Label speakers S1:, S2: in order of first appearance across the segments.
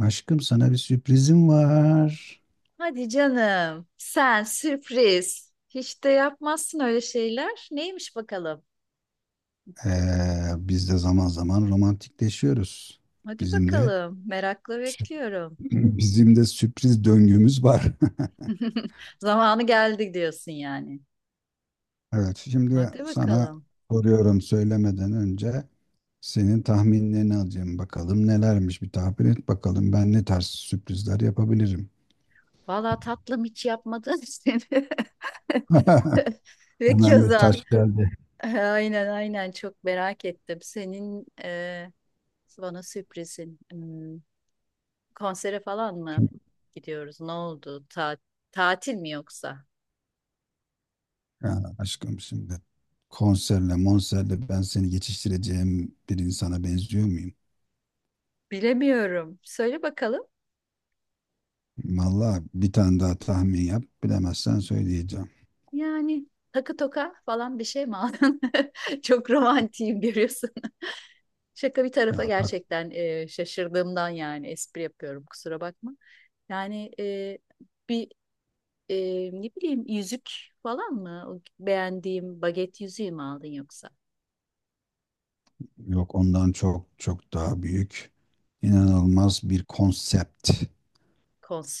S1: Aşkım sana bir sürprizim var.
S2: Hadi canım. Sen sürpriz. Hiç de yapmazsın öyle şeyler. Neymiş bakalım?
S1: Ee, Biz de zaman zaman romantikleşiyoruz.
S2: Hadi
S1: Bizim de
S2: bakalım. Merakla bekliyorum.
S1: bizim de sürpriz döngümüz var.
S2: Zamanı geldi diyorsun yani.
S1: Evet, şimdi
S2: Hadi
S1: sana
S2: bakalım.
S1: soruyorum, söylemeden önce senin tahminlerini alacağım. Bakalım nelermiş, bir tahmin et bakalım, ben ne tarz sürprizler yapabilirim.
S2: Vallahi tatlım hiç yapmadın seni. Ve
S1: Hemen bir
S2: keza.
S1: taş geldi.
S2: Aynen aynen, çok merak ettim. Senin bana sürprizin. Konsere falan mı
S1: Çünkü-
S2: gidiyoruz? Ne oldu? Tatil mi yoksa?
S1: Ha, aşkım, şimdi konserle monserle ben seni geçiştireceğim bir insana benziyor muyum?
S2: Bilemiyorum. Söyle bakalım.
S1: Vallahi bir tane daha tahmin yap. Bilemezsen söyleyeceğim.
S2: Yani takı toka falan bir şey mi aldın? Çok romantiyim görüyorsun. Şaka bir tarafa,
S1: Ya tak
S2: gerçekten şaşırdığımdan yani espri yapıyorum, kusura bakma. Yani bir e, ne bileyim yüzük falan mı? O beğendiğim baget yüzüğü mü aldın yoksa?
S1: Yok, ondan çok daha büyük.
S2: Hmm.
S1: İnanılmaz bir konsept.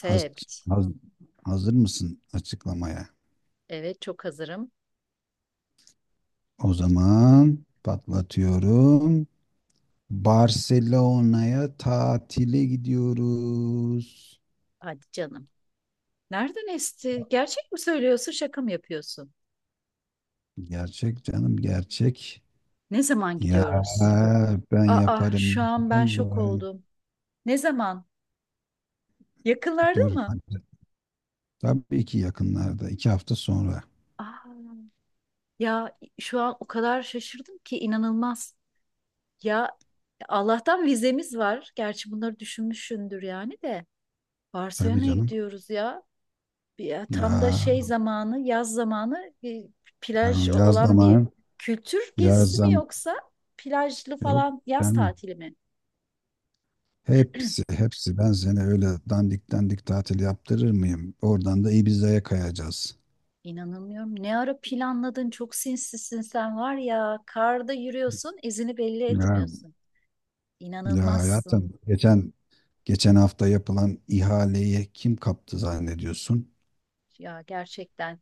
S1: Haz- haz- Hazır mısın açıklamaya?
S2: Evet, çok hazırım.
S1: O zaman patlatıyorum. Barcelona'ya tatile gidiyoruz.
S2: Hadi canım. Nereden esti? Gerçek mi söylüyorsun, şaka mı yapıyorsun?
S1: Gerçek canım, gerçek.
S2: Ne zaman
S1: Ya
S2: gidiyoruz?
S1: ben yaparım.
S2: Şu an ben şok
S1: yaparım.
S2: oldum. Ne zaman? Yakınlarda mı?
S1: Hadi. Tabii ki yakınlarda. İki hafta sonra.
S2: Aa, Ya şu an o kadar şaşırdım ki inanılmaz. Ya, Allah'tan vizemiz var. Gerçi bunları düşünmüşsündür yani de.
S1: Tabii
S2: Barcelona'ya
S1: canım.
S2: gidiyoruz ya. Ya tam da
S1: Ya
S2: şey zamanı, yaz zamanı, plaj
S1: yani yaz
S2: olan bir
S1: zaman
S2: kültür
S1: yaz
S2: gezisi mi
S1: zam
S2: yoksa plajlı
S1: Yok
S2: falan yaz
S1: canım.
S2: tatili mi?
S1: Hepsi hepsi ben seni öyle dandik dandik tatil yaptırır mıyım? Oradan da Ibiza'ya kayacağız.
S2: İnanamıyorum. Ne ara planladın? Çok sinsisin sen var ya. Karda yürüyorsun, izini belli
S1: Ya,
S2: etmiyorsun.
S1: Ya
S2: İnanılmazsın
S1: hayatım, geçen hafta yapılan ihaleyi kim kaptı zannediyorsun?
S2: ya, gerçekten.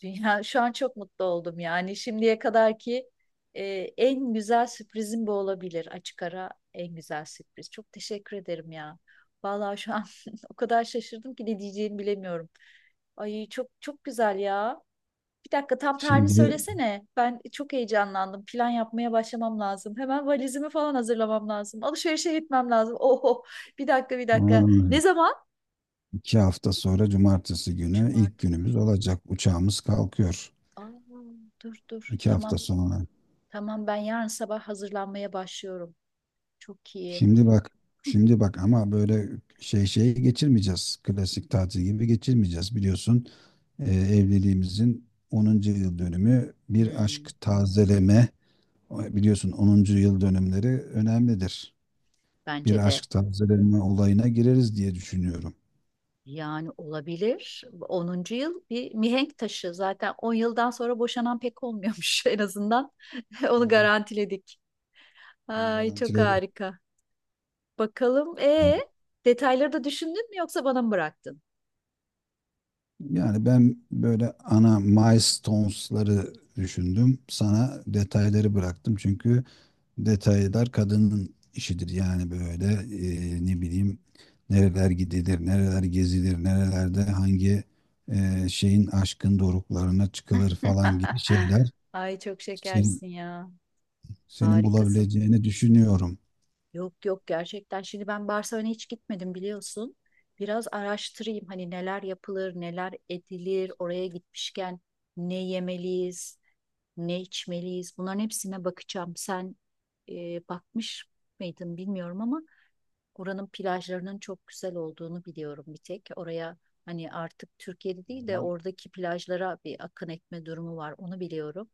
S2: Dünya şu an çok mutlu oldum yani. Şimdiye kadarki e, en güzel sürprizim bu olabilir. Açık ara en güzel sürpriz. Çok teşekkür ederim ya. Vallahi şu an o kadar şaşırdım ki ne diyeceğimi bilemiyorum. Ay, çok çok güzel ya. Bir dakika, tam tarihini
S1: Şimdi,
S2: söylesene. Ben çok heyecanlandım. Plan yapmaya başlamam lazım. Hemen valizimi falan hazırlamam lazım. Alışverişe gitmem lazım. Oho, bir dakika bir
S1: aa,
S2: dakika. Ne zaman?
S1: iki hafta sonra cumartesi günü ilk
S2: Cumartesi.
S1: günümüz olacak. Uçağımız kalkıyor.
S2: Aa, Dur dur,
S1: İki hafta
S2: tamam.
S1: sonra.
S2: Tamam, ben yarın sabah hazırlanmaya başlıyorum. Çok iyi.
S1: Şimdi bak, Şimdi bak, ama böyle şey geçirmeyeceğiz. Klasik tatil gibi geçirmeyeceğiz. Biliyorsun, evliliğimizin onuncu yıl dönümü, bir
S2: Hmm,
S1: aşk tazeleme. Biliyorsun, onuncu yıl dönümleri önemlidir. Bir
S2: bence de.
S1: aşk tazeleme olayına gireriz diye düşünüyorum.
S2: Yani olabilir. 10. yıl bir mihenk taşı. Zaten 10 yıldan sonra boşanan pek olmuyormuş en azından. Onu
S1: Ha,
S2: garantiledik.
S1: bunu
S2: Ay, çok
S1: garantiledim.
S2: harika. Bakalım, detayları da düşündün mü yoksa bana mı bıraktın?
S1: Yani ben böyle ana milestones'ları düşündüm. Sana detayları bıraktım, çünkü detaylar kadının işidir. Yani böyle, ne bileyim, nereler gidilir, nereler gezilir, nerelerde hangi şeyin aşkın doruklarına çıkılır falan gibi şeyler
S2: Ay, çok
S1: senin,
S2: şekersin ya.
S1: senin
S2: Harikasın.
S1: bulabileceğini düşünüyorum.
S2: Yok yok, gerçekten. Şimdi ben Barcelona'ya hiç gitmedim, biliyorsun. Biraz araştırayım, hani neler yapılır, neler edilir, oraya gitmişken ne yemeliyiz, ne içmeliyiz. Bunların hepsine bakacağım. Sen e, bakmış mıydın bilmiyorum ama oranın plajlarının çok güzel olduğunu biliyorum bir tek. Oraya, hani artık Türkiye'de
S1: O
S2: değil de
S1: zaman
S2: oradaki plajlara bir akın etme durumu var, onu biliyorum.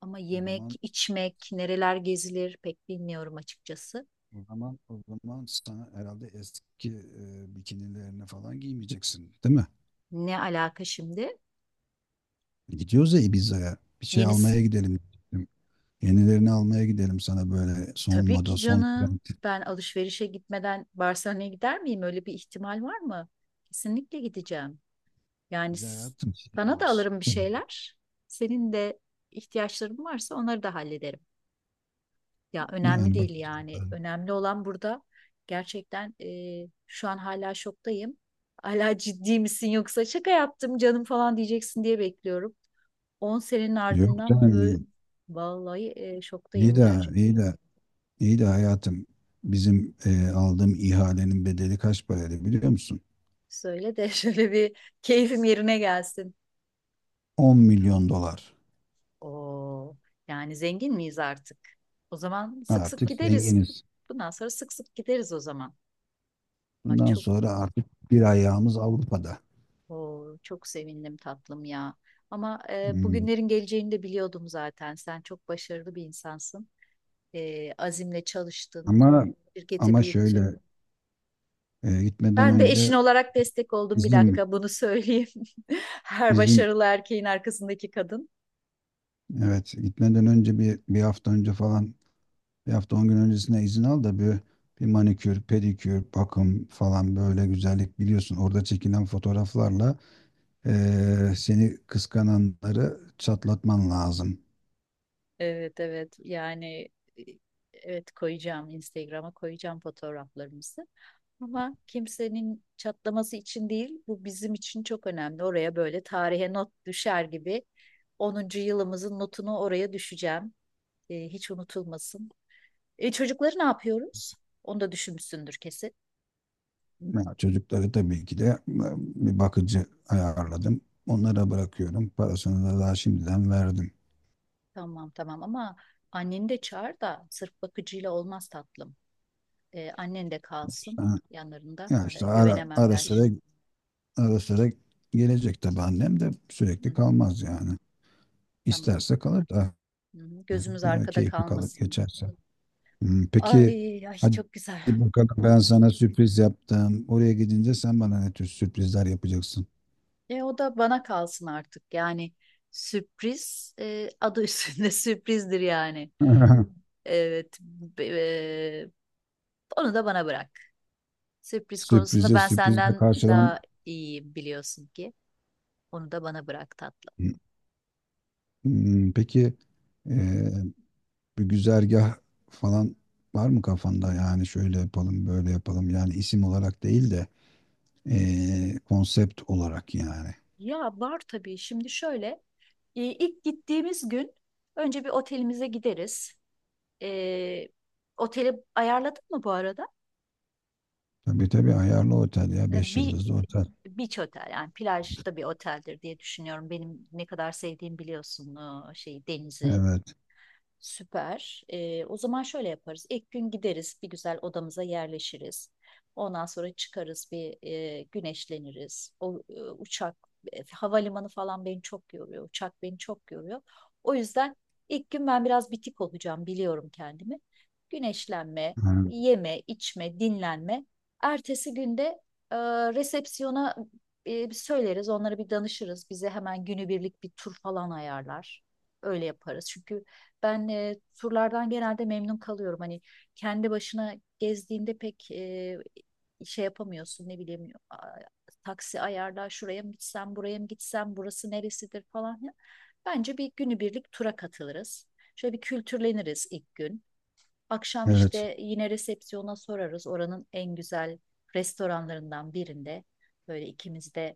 S2: Ama
S1: o
S2: yemek,
S1: zaman
S2: içmek, nereler gezilir pek bilmiyorum açıkçası.
S1: o zaman o zaman sana herhalde eski bikinilerini falan giymeyeceksin, değil mi?
S2: Ne alaka şimdi?
S1: Gidiyoruz ya Ibiza'ya. Bir şey almaya
S2: Yenisi.
S1: gidelim. Yenilerini almaya gidelim, sana böyle son
S2: Tabii ki
S1: moda, son
S2: canım.
S1: trend.
S2: Ben alışverişe gitmeden Barcelona'ya gider miyim? Öyle bir ihtimal var mı? Kesinlikle gideceğim. Yani
S1: Bir de hayatım, şey
S2: sana da
S1: var.
S2: alırım bir şeyler. Senin de ihtiyaçların varsa onları da hallederim. Ya önemli
S1: Yani
S2: değil
S1: bakacağım
S2: yani.
S1: ben.
S2: Önemli olan burada, gerçekten, şu an hala şoktayım. Hala ciddi misin yoksa şaka yaptım canım falan diyeceksin diye bekliyorum. 10 senenin
S1: Yok
S2: ardından
S1: canım ya.
S2: böyle, vallahi,
S1: İyi
S2: şoktayım
S1: de
S2: gerçekten.
S1: iyi de iyi de hayatım, bizim aldığım ihalenin bedeli kaç paraydı biliyor musun?
S2: Söyle de şöyle bir keyfim yerine gelsin.
S1: 10 milyon dolar.
S2: Oo, Yani zengin miyiz artık? O zaman sık sık
S1: Artık
S2: gideriz.
S1: zenginiz.
S2: Bundan sonra sık sık gideriz o zaman. Ay
S1: Bundan
S2: çok,
S1: sonra artık bir ayağımız Avrupa'da.
S2: çok sevindim tatlım ya. Ama
S1: Hmm.
S2: bugünlerin geleceğini de biliyordum zaten. Sen çok başarılı bir insansın. Azimle çalıştın,
S1: Ama
S2: şirketi
S1: ama
S2: büyüttün.
S1: şöyle, gitmeden
S2: Ben de eşin
S1: önce
S2: olarak destek oldum, bir
S1: bizim
S2: dakika bunu söyleyeyim. Her
S1: izin,
S2: başarılı erkeğin arkasındaki kadın.
S1: evet, gitmeden önce bir hafta önce falan, bir hafta 10 gün öncesine izin al da bir, bir manikür, pedikür, bakım falan, böyle güzellik, biliyorsun. Orada çekilen fotoğraflarla seni kıskananları çatlatman lazım.
S2: Evet evet, yani, e, evet, koyacağım, Instagram'a koyacağım fotoğraflarımızı ama kimsenin çatlaması için değil, bu bizim için çok önemli, oraya böyle tarihe not düşer gibi 10. yılımızın notunu oraya düşeceğim. Hiç unutulmasın. Çocukları ne yapıyoruz? Onu da düşünmüşsündür kesin.
S1: Ya, çocukları tabii ki de, bir bakıcı ayarladım. Onlara bırakıyorum. Parasını da daha şimdiden verdim.
S2: Tamam tamam ama anneni de çağır, da sırf bakıcıyla olmaz tatlım. Annen de kalsın
S1: İşte,
S2: yanlarında.
S1: ya işte ara,
S2: Güvenemem
S1: ara
S2: ben.
S1: sıra ara sıra gelecek tabii, annem de
S2: Hı
S1: sürekli
S2: hı.
S1: kalmaz yani.
S2: Tamam.
S1: İsterse kalır da,
S2: Hı hı, gözümüz
S1: ya,
S2: arkada
S1: keyfi kalır
S2: kalmasın.
S1: geçerse. Hmm. Peki,
S2: Ay ay,
S1: hadi
S2: çok güzel.
S1: bakalım, ben sana sürpriz yaptım. Oraya gidince sen bana ne tür sürprizler yapacaksın?
S2: O da bana kalsın artık. Yani sürpriz, adı üstünde sürprizdir yani. Evet. Onu da bana bırak. Sürpriz konusunda
S1: Sürprize
S2: ben
S1: sürprizle
S2: senden
S1: karşılan.
S2: daha iyiyim, biliyorsun ki. Onu da bana bırak tatlım.
S1: Hmm. Peki, eee, bir güzergah falan var mı kafanda? Yani şöyle yapalım, böyle yapalım. Yani isim olarak değil de konsept olarak yani.
S2: Ya var tabii. Şimdi şöyle, ilk gittiğimiz gün önce bir otelimize gideriz. E, Oteli ayarladın mı bu arada?
S1: Tabii tabii, ayarlı otel ya. 5
S2: Bir
S1: yıldızlı otel.
S2: beach otel yani, plajda bir oteldir diye düşünüyorum. Benim ne kadar sevdiğim biliyorsun şey, denizi.
S1: Evet.
S2: Süper. O zaman şöyle yaparız. İlk gün gideriz, bir güzel odamıza yerleşiriz. Ondan sonra çıkarız, bir güneşleniriz. O uçak, havalimanı falan beni çok yoruyor. Uçak beni çok yoruyor. O yüzden ilk gün ben biraz bitik olacağım, biliyorum kendimi. Güneşlenme,
S1: Ha.
S2: yeme, içme, dinlenme. Ertesi günde e, resepsiyona söyleriz, onlara bir danışırız. Bize hemen günübirlik bir tur falan ayarlar. Öyle yaparız. Çünkü ben turlardan genelde memnun kalıyorum. Hani kendi başına gezdiğinde pek şey yapamıyorsun, ne bileyim, taksi ayarla, şuraya mı gitsem buraya mı gitsem, burası neresidir falan ya. Bence bir günübirlik tura katılırız. Şöyle bir kültürleniriz ilk gün. Akşam
S1: Evet.
S2: işte yine resepsiyona sorarız. Oranın en güzel restoranlarından birinde böyle ikimiz de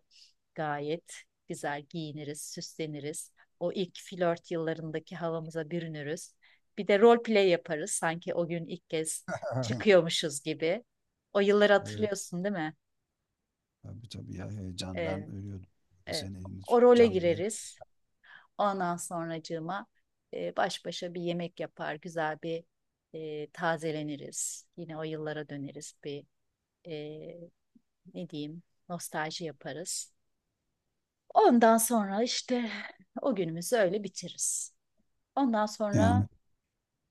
S2: gayet güzel giyiniriz, süsleniriz. O ilk flört yıllarındaki havamıza bürünürüz. Bir de role play yaparız, sanki o gün ilk kez çıkıyormuşuz gibi. O yılları
S1: Evet.
S2: hatırlıyorsun değil mi?
S1: Tabii tabii ya,
S2: Ee,
S1: heyecandan ölüyordum.
S2: e,
S1: Seni, elini
S2: O role
S1: tutacağım diye.
S2: gireriz. Ondan sonracığıma, baş başa bir yemek yapar, güzel bir, tazeleniriz. Yine o yıllara döneriz, bir, e, ne diyeyim, nostalji yaparız. Ondan sonra işte o günümüzü öyle bitiririz. Ondan sonra,
S1: Yani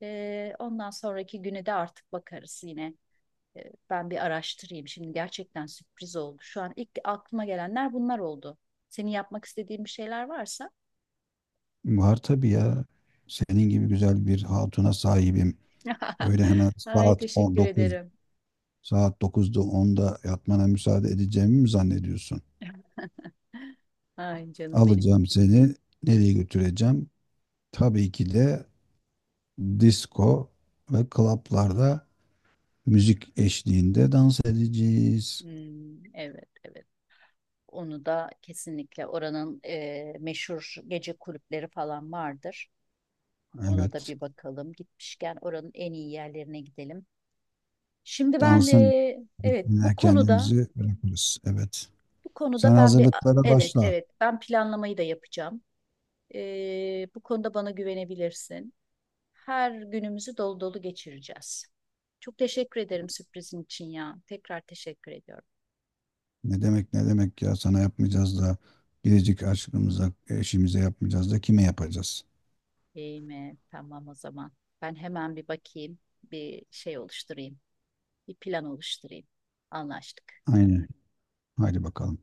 S2: ondan sonraki güne de artık bakarız yine. E, Ben bir araştırayım. Şimdi gerçekten sürpriz oldu. Şu an ilk aklıma gelenler bunlar oldu. Senin yapmak istediğin bir şeyler varsa.
S1: var tabii ya. Senin gibi güzel bir hatuna sahibim. Öyle hemen
S2: Ay
S1: saat
S2: teşekkür
S1: 19,
S2: ederim.
S1: saat 9'da 10'da yatmana müsaade edeceğimi mi zannediyorsun?
S2: Ay canım benim.
S1: Alacağım seni. Nereye götüreceğim? Tabii ki de disco ve klaplarda müzik eşliğinde dans edeceğiz.
S2: Hmm, evet evet. Onu da kesinlikle, oranın meşhur gece kulüpleri falan vardır. Ona da
S1: Evet.
S2: bir bakalım. Gitmişken oranın en iyi yerlerine gidelim. Şimdi ben,
S1: Dansın
S2: evet, bu
S1: ritmine
S2: konuda,
S1: kendimizi bırakırız. Evet. Sen
S2: ben bir
S1: hazırlıklara
S2: evet
S1: başla.
S2: evet, ben planlamayı da yapacağım. Bu konuda bana güvenebilirsin. Her günümüzü dolu dolu geçireceğiz. Çok teşekkür ederim sürprizin için ya. Tekrar teşekkür ediyorum.
S1: Ne demek, ne demek ya, sana yapmayacağız da biricik aşkımıza, eşimize yapmayacağız da kime yapacağız?
S2: İyi mi? Tamam o zaman. Ben hemen bir bakayım, bir şey oluşturayım, bir plan oluşturayım. Anlaştık.
S1: Aynen. Haydi bakalım.